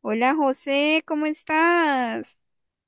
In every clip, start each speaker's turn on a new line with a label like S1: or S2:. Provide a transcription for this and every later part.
S1: Hola José, ¿cómo estás?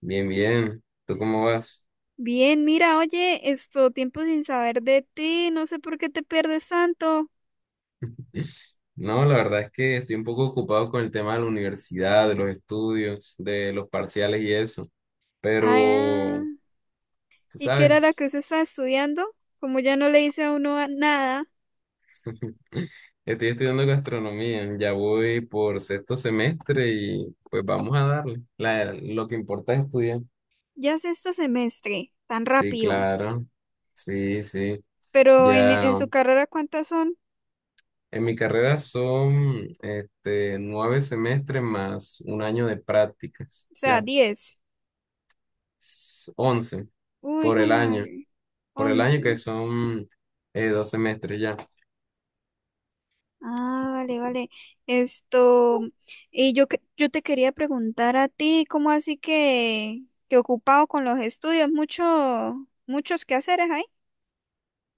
S2: Bien, bien. ¿Tú cómo vas?
S1: Bien, mira, oye, esto tiempo sin saber de ti, no sé por qué te pierdes tanto.
S2: No, la verdad es que estoy un poco ocupado con el tema de la universidad, de los estudios, de los parciales y eso. Pero,
S1: Ah,
S2: tú
S1: ¿y qué era la que
S2: sabes,
S1: usted estaba estudiando? Como ya no le dice a uno nada,
S2: estoy estudiando gastronomía, ya voy por sexto semestre y pues vamos a darle. Lo que importa es estudiar.
S1: ya es este semestre, tan
S2: Sí,
S1: rápido.
S2: claro. Sí, sí.
S1: Pero en,
S2: Ya
S1: en su carrera, ¿cuántas son?
S2: en mi carrera son 9 semestres más un año de prácticas.
S1: O sea,
S2: Ya.
S1: 10.
S2: 11
S1: Uy,
S2: por
S1: hijo de
S2: el año,
S1: madre,
S2: por el año que
S1: 11.
S2: son 2 semestres ya.
S1: Ah, vale, vale. Esto, y yo, yo te quería preguntar a ti, ¿cómo así que ocupado con los estudios? Mucho, muchos quehaceres ahí.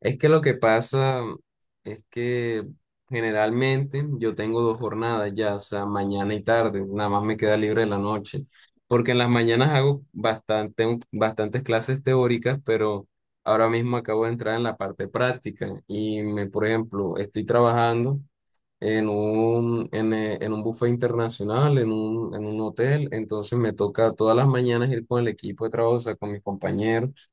S2: Es que lo que pasa es que generalmente yo tengo dos jornadas ya, o sea, mañana y tarde, nada más me queda libre la noche, porque en las mañanas hago bastantes clases teóricas, pero ahora mismo acabo de entrar en la parte práctica y me, por ejemplo, estoy trabajando en un buffet internacional, en un hotel. Entonces me toca todas las mañanas ir con el equipo de trabajo, o sea, con mis compañeros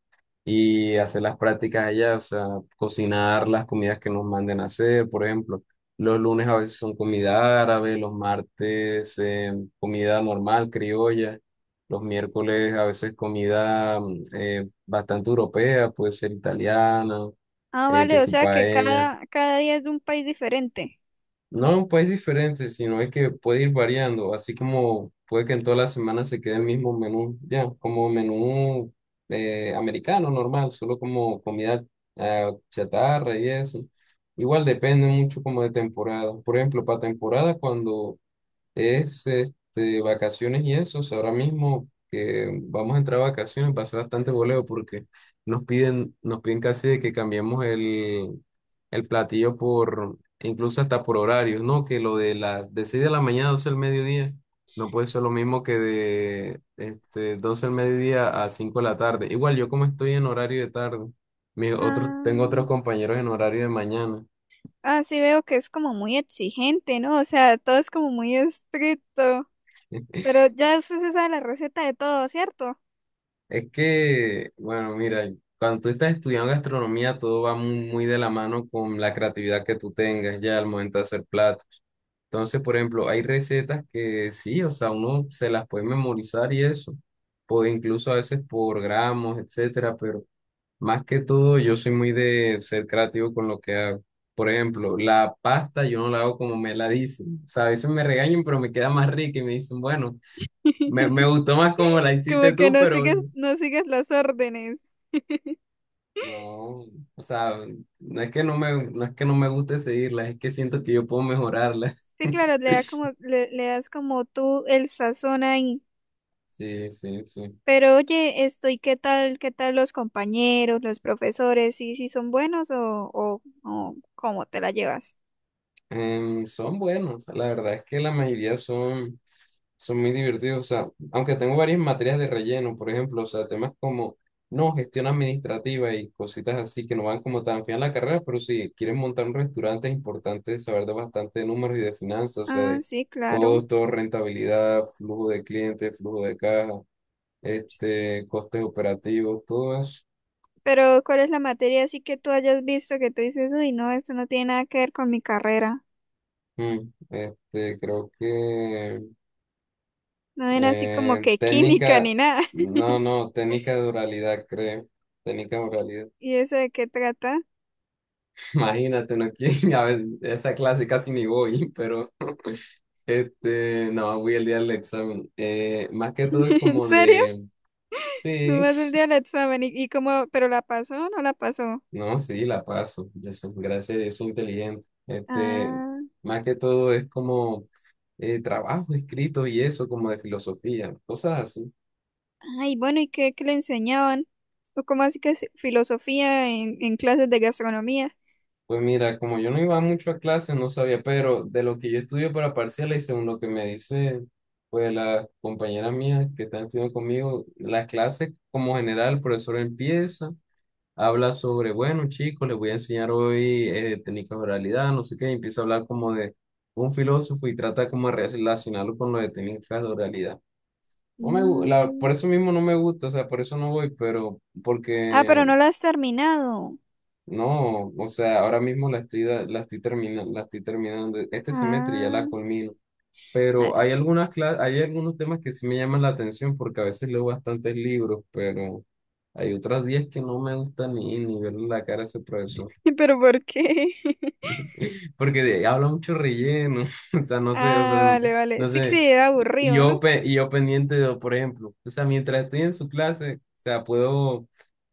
S2: y hacer las prácticas allá, o sea, cocinar las comidas que nos manden a hacer, por ejemplo. Los lunes a veces son comida árabe, los martes comida normal, criolla, los miércoles a veces comida bastante europea, puede ser italiana,
S1: Ah,
S2: que
S1: vale, o
S2: si
S1: sea que
S2: paella.
S1: cada día es de un país diferente.
S2: No un país diferente, sino es que puede ir variando, así como puede que en todas las semanas se quede el mismo menú, ya, como menú americano normal, solo como comida chatarra y eso. Igual depende mucho como de temporada. Por ejemplo, para temporada, cuando es vacaciones y eso. O sea, ahora mismo que vamos a entrar a vacaciones va a ser bastante voleo porque nos piden casi de que cambiemos el, platillo por, incluso hasta por horarios, ¿no? Que lo de las de 6 de la mañana a 12 del mediodía no puede ser lo mismo que de 12 del mediodía a 5 de la tarde. Igual yo como estoy en horario de tarde, mi otro tengo
S1: Ah,
S2: otros compañeros en horario de mañana.
S1: ah, sí veo que es como muy exigente, ¿no? O sea, todo es como muy estricto. Pero ya usted se sabe la receta de todo, ¿cierto?
S2: Es que, bueno, mira, cuando tú estás estudiando gastronomía, todo va muy, muy de la mano con la creatividad que tú tengas ya al momento de hacer platos. Entonces, por ejemplo, hay recetas que sí, o sea, uno se las puede memorizar y eso, puede incluso a veces por gramos, etcétera, pero más que todo, yo soy muy de ser creativo con lo que hago. Por ejemplo, la pasta yo no la hago como me la dicen. O sea, a veces me regañan, pero me queda más rica y me dicen, bueno, me gustó más como la
S1: Como
S2: hiciste
S1: que
S2: tú,
S1: no
S2: pero
S1: sigues, no sigues las órdenes.
S2: no, o sea, no es que no me, no es que no me guste seguirlas, es que siento que yo puedo mejorarlas.
S1: Sí, claro, le da como, le das como tú el sazón ahí.
S2: Sí, sí, sí.
S1: Pero oye, estoy, qué tal los compañeros, los profesores? ¿Sí, sí son buenos o cómo te la llevas?
S2: Son buenos, la verdad es que la mayoría son muy divertidos, o sea, aunque tengo varias materias de relleno, por ejemplo, o sea, temas como, no, gestión administrativa y cositas así que no van como tan fiel a la carrera, pero si quieren montar un restaurante es importante saber de bastante de números y de finanzas, o sea,
S1: Ah,
S2: de
S1: sí, claro.
S2: costos, rentabilidad, flujo de clientes, flujo de caja, costes operativos, todo eso.
S1: Pero ¿cuál es la materia así que tú hayas visto que tú dices, uy, no, esto no tiene nada que ver con mi carrera?
S2: Creo que
S1: No ven así como que química
S2: técnica,
S1: ni nada.
S2: no, no, técnica de oralidad, creo. Técnica de oralidad.
S1: ¿Y eso de qué trata?
S2: Imagínate, no quiero. A ver, esa clase casi ni voy, pero no, voy el día del examen. Más que todo es
S1: ¿En
S2: como
S1: serio?
S2: de, sí,
S1: Nomás el día del examen. Y cómo, pero la pasó o no la pasó?
S2: no, sí, la paso. Yo soy, gracias a Dios, soy inteligente.
S1: Ah.
S2: Más que todo es como trabajos escritos y eso, como de filosofía, cosas así.
S1: Ay, bueno, ¿y qué, qué le enseñaban? ¿O cómo así que es filosofía en clases de gastronomía?
S2: Pues mira, como yo no iba mucho a clases, no sabía, pero de lo que yo estudio para parciales y según lo que me dice, pues las compañeras mías que están estudiando conmigo, las clases como general, el profesor empieza, habla sobre, bueno, chicos, les voy a enseñar hoy técnicas de oralidad, no sé qué, y empieza a hablar como de un filósofo y trata como de relacionarlo con lo de técnicas de oralidad. No me, gu- la, Por
S1: Mm.
S2: eso mismo no me gusta, o sea, por eso no voy, pero
S1: Ah, pero
S2: porque
S1: no la has terminado.
S2: no, o sea, ahora mismo la estoy terminando. Este semestre ya
S1: Ah,
S2: la culmino, pero hay
S1: ah,
S2: hay algunos temas que sí me llaman la atención porque a veces leo bastantes libros, pero hay otros días que no me gusta ni verle la cara a ese profesor,
S1: pero ¿por qué?
S2: porque habla mucho relleno, o sea, no sé, o sea,
S1: Ah, vale, vale.
S2: no
S1: Sí que
S2: sé,
S1: sí, era
S2: y
S1: aburrido,
S2: yo,
S1: ¿no?
S2: y yo pendiente de, por ejemplo, o sea, mientras estoy en su clase, o sea, puedo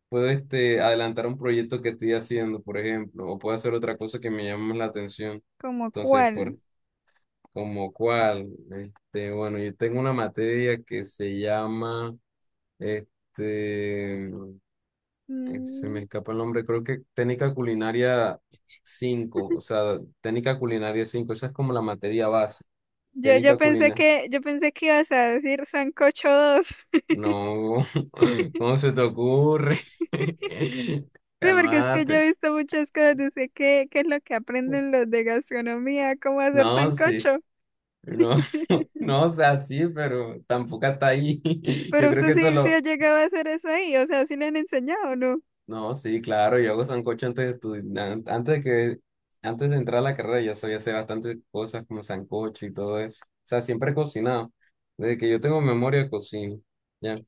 S2: Puedo adelantar un proyecto que estoy haciendo, por ejemplo, o puedo hacer otra cosa que me llame más la atención.
S1: ¿Como
S2: Entonces, por
S1: cuál?
S2: como cuál, bueno, yo tengo una materia que se llama, este, eh, se me
S1: Mm,
S2: escapa el nombre, creo que técnica culinaria cinco, o sea, técnica culinaria cinco, esa es como la materia base,
S1: Yo,
S2: técnica culinaria.
S1: yo pensé que ibas a decir sancocho 2.
S2: No, ¿cómo se te ocurre?
S1: Sí, porque es que yo
S2: Calmate.
S1: he visto muchas cosas, de sé ¿qué, qué es lo que aprenden los de gastronomía? ¿Cómo hacer
S2: No, sí.
S1: sancocho?
S2: No, no, o sea, sí, pero tampoco hasta ahí. Yo
S1: Pero
S2: creo
S1: usted
S2: que eso
S1: sí, sí ha
S2: lo...
S1: llegado a hacer eso ahí, o sea, sí le han enseñado, ¿no?
S2: No, sí, claro, yo hago sancocho antes de estudiar, antes de que, antes de entrar a la carrera, yo sabía hacer bastantes cosas como sancocho y todo eso. O sea, siempre he cocinado. Desde que yo tengo memoria, cocino. Ya,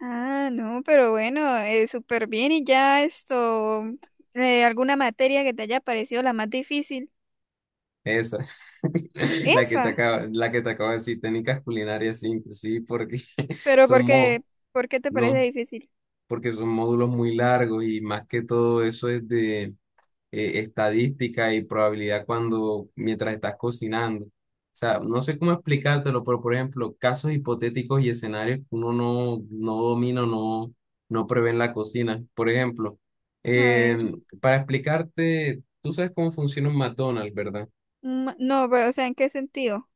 S1: Ah, no, pero bueno, súper bien y ya esto, alguna materia que te haya parecido la más difícil,
S2: esa. La que te
S1: esa,
S2: acaba, la que te acabo de decir, técnicas culinarias, sí, inclusive, porque
S1: pero
S2: son mo,
S1: por qué te parece
S2: no,
S1: difícil?
S2: porque son módulos muy largos y más que todo eso es de estadística y probabilidad cuando mientras estás cocinando. O sea, no sé cómo explicártelo, pero por ejemplo, casos hipotéticos y escenarios que uno no domina, no prevé en la cocina. Por ejemplo,
S1: A ver,
S2: em, para explicarte, tú sabes cómo funciona un McDonald's, ¿verdad?
S1: mm, no, pero, o sea, ¿en qué sentido?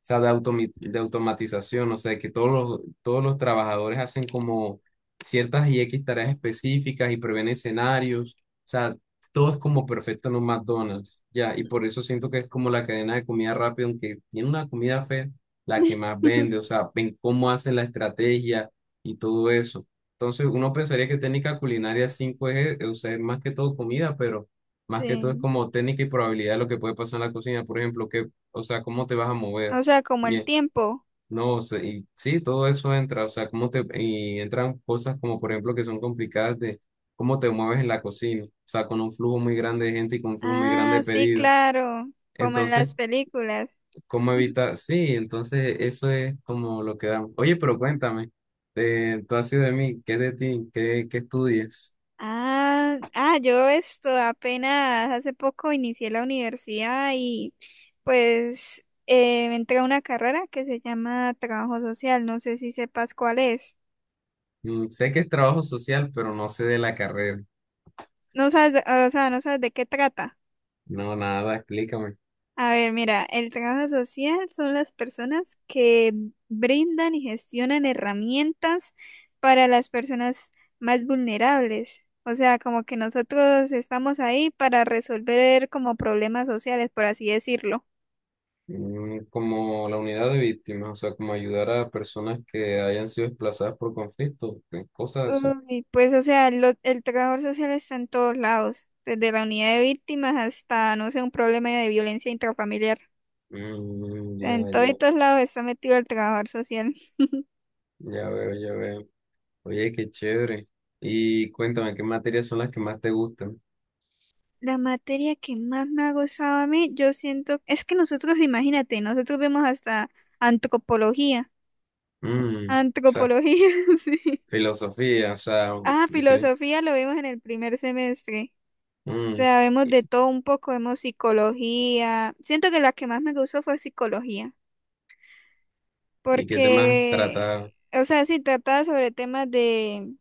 S2: O sea, de automatización, o sea, que todos los trabajadores hacen como ciertas y X tareas específicas y prevén escenarios, o sea, todo es como perfecto en un McDonald's, ya, y por eso siento que es como la cadena de comida rápida, aunque tiene una comida fea, la que más vende, o sea, ven cómo hacen la estrategia y todo eso. Entonces, uno pensaría que técnica culinaria 5 es, o sea, es más que todo comida, pero más que todo es
S1: Sí,
S2: como técnica y probabilidad de lo que puede pasar en la cocina, por ejemplo, que, o sea, cómo te vas a mover.
S1: o sea, como el
S2: Bien,
S1: tiempo.
S2: no, o sea, y sí, todo eso entra, o sea, cómo te, y entran cosas como por ejemplo que son complicadas de cómo te mueves en la cocina, o sea, con un flujo muy grande de gente y con un flujo muy
S1: Ah,
S2: grande de
S1: sí,
S2: pedidos.
S1: claro, como en
S2: Entonces,
S1: las películas.
S2: ¿cómo evitar? Sí, entonces eso es como lo que damos. Oye, pero cuéntame, tú has sido de mí, ¿qué es de ti? ¿Qué, qué estudias?
S1: Ah, ah, yo esto apenas hace poco inicié la universidad y pues me entré a una carrera que se llama trabajo social. No sé si sepas cuál es.
S2: Mm, sé que es trabajo social, pero no sé de la carrera.
S1: No sabes, o sea, no sabes de qué trata.
S2: No, nada, explícame.
S1: A ver, mira, el trabajo social son las personas que brindan y gestionan herramientas para las personas más vulnerables. O sea, como que nosotros estamos ahí para resolver como problemas sociales, por así decirlo.
S2: Mm, como la unidad de víctimas, o sea, como ayudar a personas que hayan sido desplazadas por conflictos, cosas así.
S1: Uy, pues, o sea, el trabajador social está en todos lados, desde la unidad de víctimas hasta, no sé, un problema de violencia intrafamiliar.
S2: Mm,
S1: En todo y
S2: ya,
S1: todos lados está metido el trabajador social.
S2: ya, ya veo, ya veo. Oye, qué chévere. Y cuéntame, ¿qué materias son las que más te gustan?
S1: La materia que más me ha gustado a mí, yo siento, es que nosotros, imagínate, nosotros vemos hasta antropología.
S2: Mm, o sea,
S1: Antropología, sí.
S2: filosofía, o sea,
S1: Ah,
S2: filo-
S1: filosofía lo vimos en el primer semestre. O
S2: mm,
S1: sea, vemos de todo un poco, vemos psicología. Siento que la que más me gustó fue psicología,
S2: ¿y qué temas trata?
S1: porque, o sea, sí trata sobre temas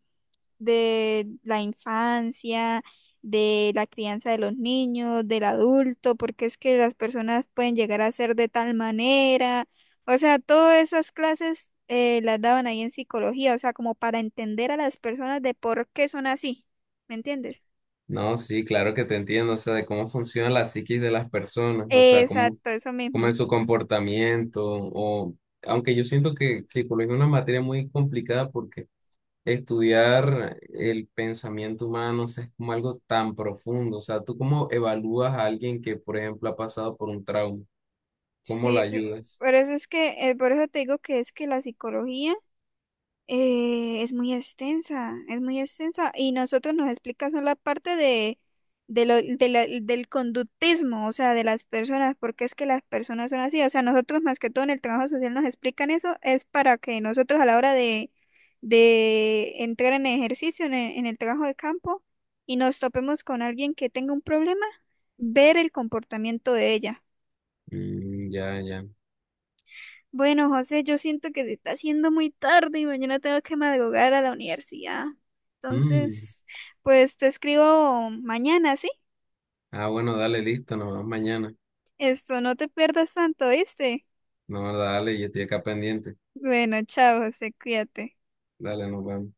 S1: de la infancia, de la crianza de los niños, del adulto, porque es que las personas pueden llegar a ser de tal manera, o sea, todas esas clases las daban ahí en psicología, o sea, como para entender a las personas de por qué son así, ¿me entiendes?
S2: No, sí, claro que te entiendo, o sea, de cómo funciona la psiquis de las personas, o sea, cómo,
S1: Exacto, eso
S2: cómo
S1: mismo.
S2: es su comportamiento, o aunque yo siento que psicología es una materia muy complicada porque estudiar el pensamiento humano, o sea, es como algo tan profundo, o sea, ¿tú cómo evalúas a alguien que, por ejemplo, ha pasado por un trauma? ¿Cómo la
S1: Sí,
S2: ayudas?
S1: por eso es que, por eso te digo que es que la psicología, eh, es muy extensa, es muy extensa. Y nosotros nos explica solo la parte de lo, del conductismo, o sea, de las personas, porque es que las personas son así. O sea, nosotros más que todo en el trabajo social nos explican eso, es para que nosotros a la hora de entrar en ejercicio, en el trabajo de campo, y nos topemos con alguien que tenga un problema, ver el comportamiento de ella.
S2: Mm, ya, ya.
S1: Bueno, José, yo siento que se está haciendo muy tarde y mañana tengo que madrugar a la universidad.
S2: Mm,
S1: Entonces, pues te escribo mañana, ¿sí?
S2: ah, bueno, dale, listo, nos vemos mañana.
S1: Esto, no te pierdas tanto, ¿viste?
S2: No, dale, yo estoy acá pendiente.
S1: Bueno, chao, José, cuídate.
S2: Dale, nos vemos.